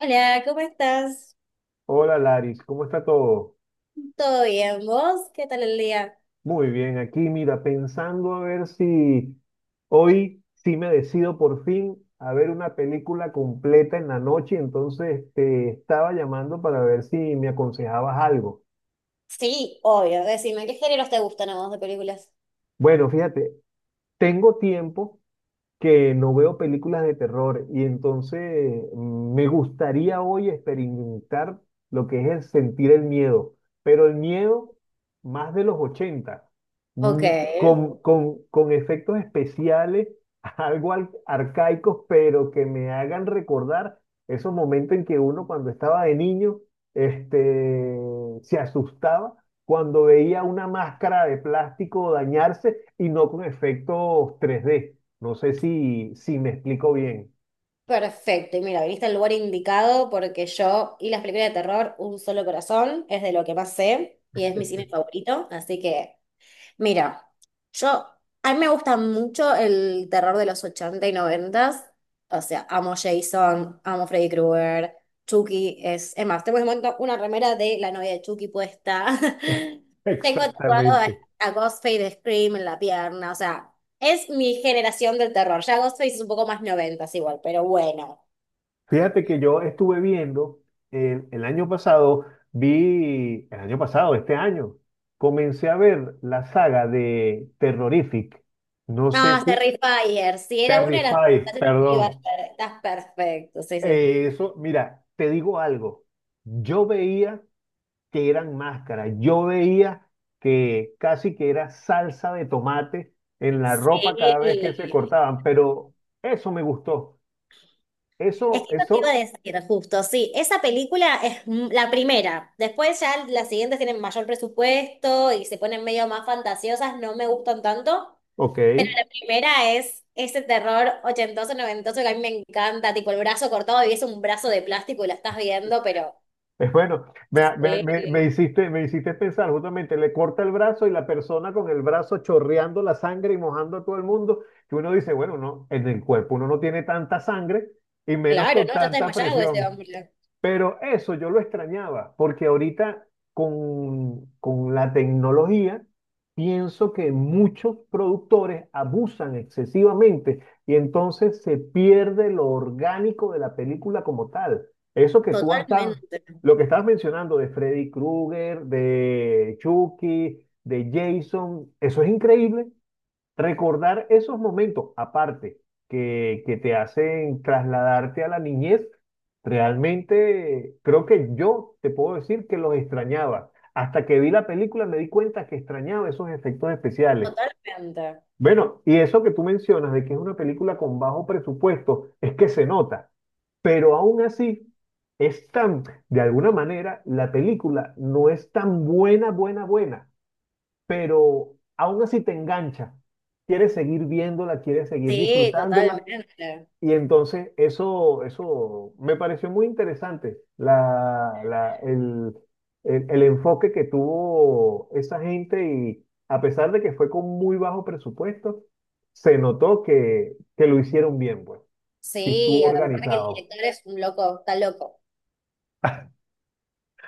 Hola, ¿cómo estás? Hola Laris, ¿cómo está todo? ¿Todo bien? ¿Vos? ¿Qué tal el día? Muy bien, aquí mira, pensando a ver si hoy sí me decido por fin a ver una película completa en la noche, entonces te estaba llamando para ver si me aconsejabas algo. Sí, obvio. Decime, ¿qué géneros te gustan a vos de películas? Bueno, fíjate, tengo tiempo, que no veo películas de terror y entonces me gustaría hoy experimentar lo que es el sentir el miedo, pero el miedo más de los 80 Ok, mm, con efectos especiales, algo arcaicos, pero que me hagan recordar esos momentos en que uno, cuando estaba de niño, este, se asustaba, cuando veía una máscara de plástico dañarse y no con efectos 3D. No sé si me explico bien. perfecto. Y mira, viniste al lugar indicado porque yo y las películas de terror, Un solo corazón, es de lo que más sé y es mi cine favorito, así que mira, yo, a mí me gusta mucho el terror de los 80 y 90. O sea, amo Jason, amo Freddy Krueger, Chucky es... Es más, tengo en este momento una remera de la novia de Chucky puesta. Tengo tatuado Exactamente. a Ghostface de Scream en la pierna. O sea, es mi generación del terror. Ya Ghostface es un poco más noventas igual, pero bueno. Fíjate que yo estuve viendo año pasado, vi el año pasado, este año comencé a ver la saga de Terrorific. No sé Ah, si... Terrifier. Si era una de las Terrified, generaciones que te iba a perdón. hacer. Estás perfecto, sí, sí. Eso, mira, te digo algo. Yo veía que eran máscaras, yo veía que casi que era salsa de tomate en la ropa cada vez que se Sí. cortaban, pero eso me gustó. Es Eso, que eso te iba a eso, decir, justo, sí, esa película es la primera, después ya las siguientes tienen mayor presupuesto y se ponen medio más fantasiosas, no me gustan tanto. ok, es La primera es ese terror ochentoso, noventoso que a mí me encanta, tipo el brazo cortado y es un brazo de plástico y la estás viendo, pero... bueno. Me, me, me- me Sí, hiciste, me hiciste pensar. Justamente, le corta el brazo y la persona con el brazo chorreando la sangre y mojando a todo el mundo, que uno dice, bueno, no, en el cuerpo uno no tiene tanta sangre y menos claro, con ¿no? Ya está tanta desmayado ese presión. hombre. Pero eso yo lo extrañaba, porque ahorita con la tecnología pienso que muchos productores abusan excesivamente y entonces se pierde lo orgánico de la película como tal. Eso que tú has dado, Totalmente, lo que estabas mencionando de Freddy Krueger, de Chucky, de Jason, eso es increíble. Recordar esos momentos, aparte, que te hacen trasladarte a la niñez, realmente creo que yo te puedo decir que los extrañaba. Hasta que vi la película me di cuenta que extrañaba esos efectos especiales. totalmente. Bueno, y eso que tú mencionas de que es una película con bajo presupuesto, es que se nota, pero aún así es tan, de alguna manera, la película no es tan buena, buena, buena, pero aún así te engancha, quieres seguir viéndola, quieres seguir Sí, disfrutándola, totalmente. y entonces eso me pareció muy interesante, el enfoque que tuvo esa gente, y a pesar de que fue con muy bajo presupuesto, se notó que lo hicieron bien, pues, y estuvo Sí, aparte que el organizado. director es un loco, está loco.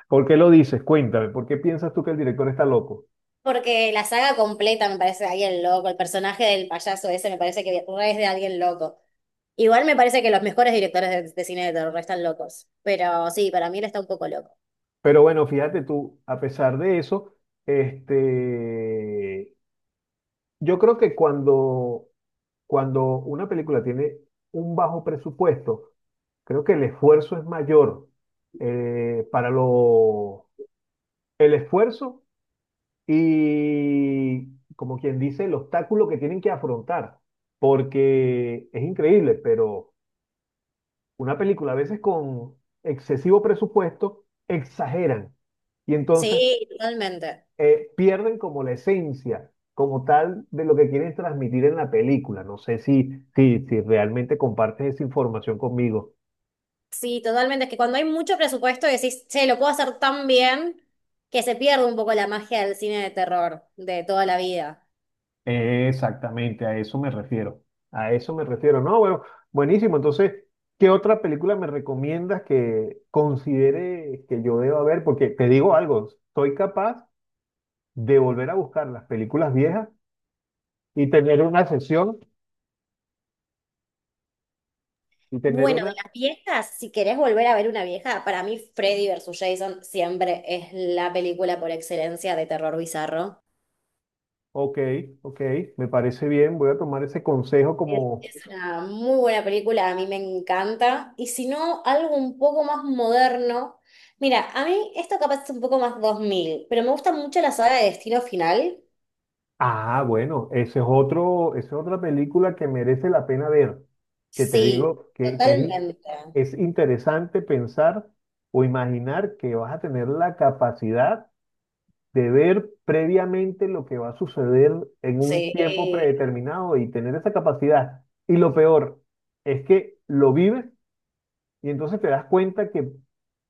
¿Por qué lo dices? Cuéntame, ¿por qué piensas tú que el director está loco? Porque la saga completa me parece de alguien loco, el personaje del payaso ese me parece que re es de alguien loco. Igual me parece que los mejores directores de cine de terror están locos, pero sí, para mí él está un poco loco. Pero bueno, fíjate tú, a pesar de eso, este, yo creo que cuando, cuando una película tiene un bajo presupuesto, creo que el esfuerzo es mayor, para lo, el esfuerzo y, como quien dice, el obstáculo que tienen que afrontar, porque es increíble, pero una película a veces con excesivo presupuesto exageran. Y entonces, Sí, totalmente. Pierden como la esencia, como tal, de lo que quieren transmitir en la película. No sé si realmente compartes esa información conmigo. Sí, totalmente. Es que cuando hay mucho presupuesto decís, che, lo puedo hacer tan bien que se pierde un poco la magia del cine de terror de toda la vida. Exactamente, a eso me refiero. A eso me refiero. No, bueno, buenísimo. Entonces, ¿qué otra película me recomiendas que considere que yo deba ver? Porque te digo algo, soy capaz de volver a buscar las películas viejas y tener una sesión y tener Bueno, de una... las viejas, si querés volver a ver una vieja, para mí Freddy versus Jason siempre es la película por excelencia de terror bizarro. Ok, ok, me parece bien, voy a tomar ese consejo como... Es una muy buena película, a mí me encanta. Y si no, algo un poco más moderno. Mira, a mí esto capaz es un poco más 2000, pero me gusta mucho la saga de Destino Final. Ah, bueno, ese es otro, esa es otra película que merece la pena ver, que te Sí, digo que totalmente. es interesante pensar o imaginar que vas a tener la capacidad de ver previamente lo que va a suceder en un tiempo Sí, predeterminado y tener esa capacidad. Y lo peor es que lo vives y entonces te das cuenta que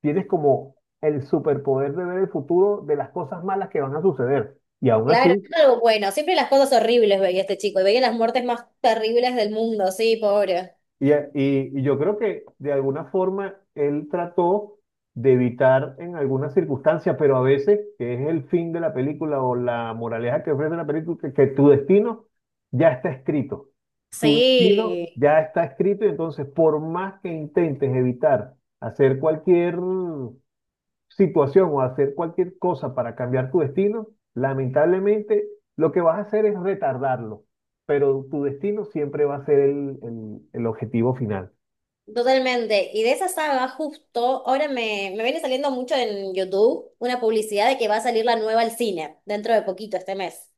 tienes como el superpoder de ver el futuro de las cosas malas que van a suceder. Y aún claro, así... es algo bueno. Siempre las cosas horribles veía este chico y veía las muertes más terribles del mundo, sí, pobre. Y yo creo que de alguna forma él trató de evitar en algunas circunstancias, pero a veces, que es el fin de la película o la moraleja que ofrece la película, que tu destino ya está escrito. Tu destino Sí. ya está escrito, y entonces por más que intentes evitar hacer cualquier situación o hacer cualquier cosa para cambiar tu destino, lamentablemente lo que vas a hacer es retardarlo, pero tu destino siempre va a ser el objetivo final. Totalmente. Y de esa saga, justo, ahora me viene saliendo mucho en YouTube una publicidad de que va a salir la nueva al cine dentro de poquito, este mes.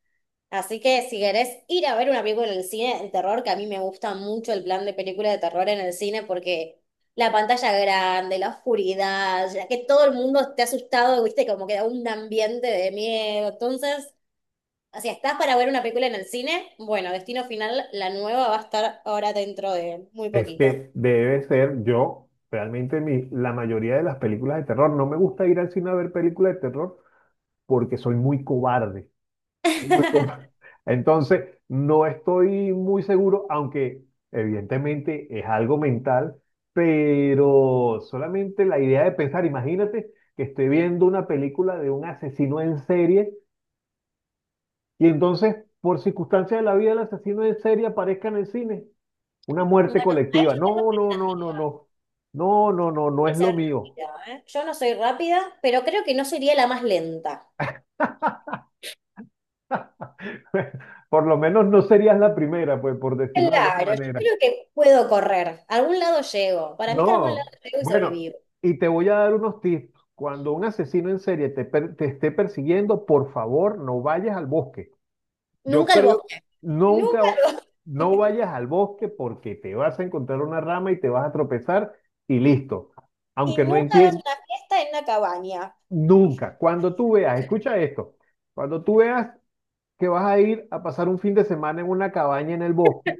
Así que si querés ir a ver una película en el cine de terror, que a mí me gusta mucho el plan de película de terror en el cine porque la pantalla grande, la oscuridad, ya que todo el mundo esté asustado, viste, como queda un ambiente de miedo. Entonces, si estás para ver una película en el cine, bueno, Destino Final, la nueva va a estar ahora dentro de muy Es poquito. que debe ser yo, realmente mi, la mayoría de las películas de terror, no me gusta ir al cine a ver películas de terror porque soy muy cobarde. Soy muy com- Entonces, no estoy muy seguro, aunque evidentemente es algo mental, pero solamente la idea de pensar, imagínate que estoy viendo una película de un asesino en serie y entonces, por circunstancias de la vida, el asesino en serie aparezca en el cine. Una Bueno, muerte ahí colectiva. yo tengo No, no, no, no, expectativa. no. No, no, no, no Tiene que es lo ser mío. rápida, ¿eh? Yo no soy rápida, pero creo que no sería la más lenta. Por lo menos no serías la primera, pues, por decirlo de alguna Claro, yo manera. creo que puedo correr. A algún lado llego. Para mí que a algún lado No, llego y bueno, sobrevivo. y te voy a dar unos tips. Cuando un asesino en serie te, te esté persiguiendo, por favor, no vayas al bosque. Yo Nunca al creo, bosque. Nunca nunca, al no bosque. vayas al bosque porque te vas a encontrar una rama y te vas a tropezar y listo. Y Aunque no nunca hagas entiendas, una fiesta en una cabaña. nunca. Cuando tú veas, escucha esto, cuando tú veas que vas a ir a pasar un fin de semana en una cabaña en el bosque,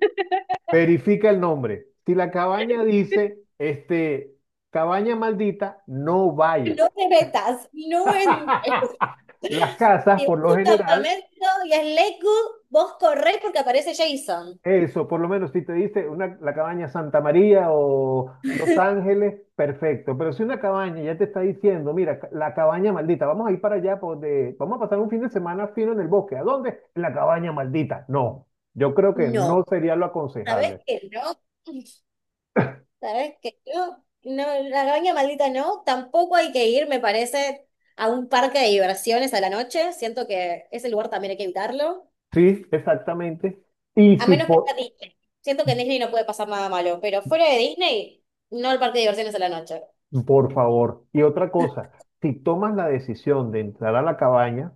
verifica el nombre. Si la cabaña dice, este, cabaña maldita, no vaya. No te metas. No en... Las casas, Si por vas lo a un general, campamento y es Lakewood, vos corrés porque aparece Jason. eso, por lo menos si te dice una, la cabaña Santa María o Los Ángeles, perfecto. Pero si una cabaña ya te está diciendo, mira, la cabaña maldita, vamos a ir para allá, vamos a pasar un fin de semana fino en el bosque. ¿A dónde? En la cabaña maldita. No, yo creo que No. no sería lo ¿Sabés aconsejable. que no? ¿Sabes que yo, no, la Granja Maldita no, tampoco hay que ir, me parece, a un parque de diversiones a la noche? Siento que ese lugar también hay que evitarlo. Sí, exactamente. Y A si, menos que po- sea Disney. Siento que en Disney no puede pasar nada malo, pero fuera de Disney, no el parque de diversiones a la noche. Por favor. Y otra cosa, si tomas la decisión de entrar a la cabaña,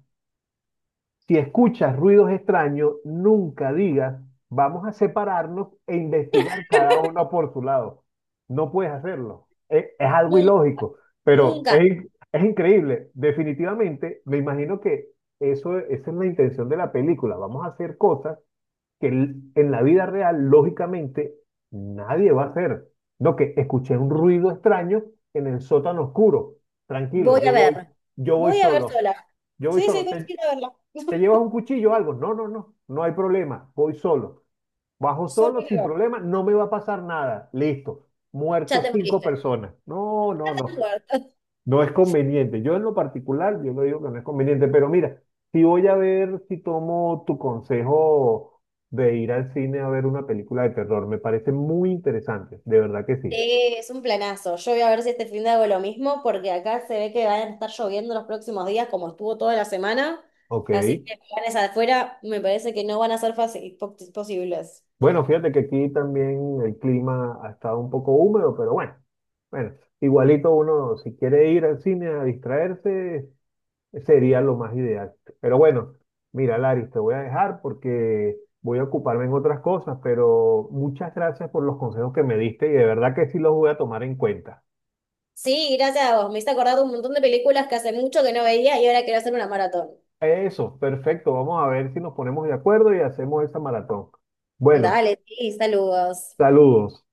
si escuchas ruidos extraños, nunca digas, vamos a separarnos e investigar cada uno por su lado. No puedes hacerlo. Es algo Nun- ilógico, pero Nunca. es increíble. Definitivamente, me imagino que eso, esa es la intención de la película. Vamos a hacer cosas en la vida real, lógicamente, nadie va a hacer. No, que escuché un ruido extraño en el sótano oscuro. Tranquilo, Voy a ver. yo voy Voy a ver solo. sola. Yo voy Sí, sí, solo. voy a ¿Te, ir a verla. te llevas un cuchillo o algo? No, no, no, no hay problema. Voy solo. Bajo Solo solo, voy sin a ver. problema, no me va a pasar nada. Listo. Ya Muertos te cinco moriste. personas. No, Ya no, estás no. muerto. No es conveniente. Yo en lo particular, yo lo digo que no es conveniente, pero mira, si voy a ver, si tomo tu consejo de ir al cine a ver una película de terror, me parece muy interesante, de verdad que sí. Sí, es un planazo. Yo voy a ver si este fin de hago lo mismo, porque acá se ve que van a estar lloviendo los próximos días, como estuvo toda la semana. Ok. Así que planes afuera me parece que no van a ser fácil, posibles. Bueno, fíjate que aquí también el clima ha estado un poco húmedo, pero bueno, bueno, igualito uno, si quiere ir al cine a distraerse, sería lo más ideal. Pero bueno, mira, Laris, te voy a dejar porque voy a ocuparme en otras cosas, pero muchas gracias por los consejos que me diste y de verdad que sí los voy a tomar en cuenta. Sí, gracias a vos. Me hice acordar de un montón de películas que hace mucho que no veía y ahora quiero hacer una maratón. Eso, perfecto. Vamos a ver si nos ponemos de acuerdo y hacemos esa maratón. Bueno, Dale, sí, saludos. saludos.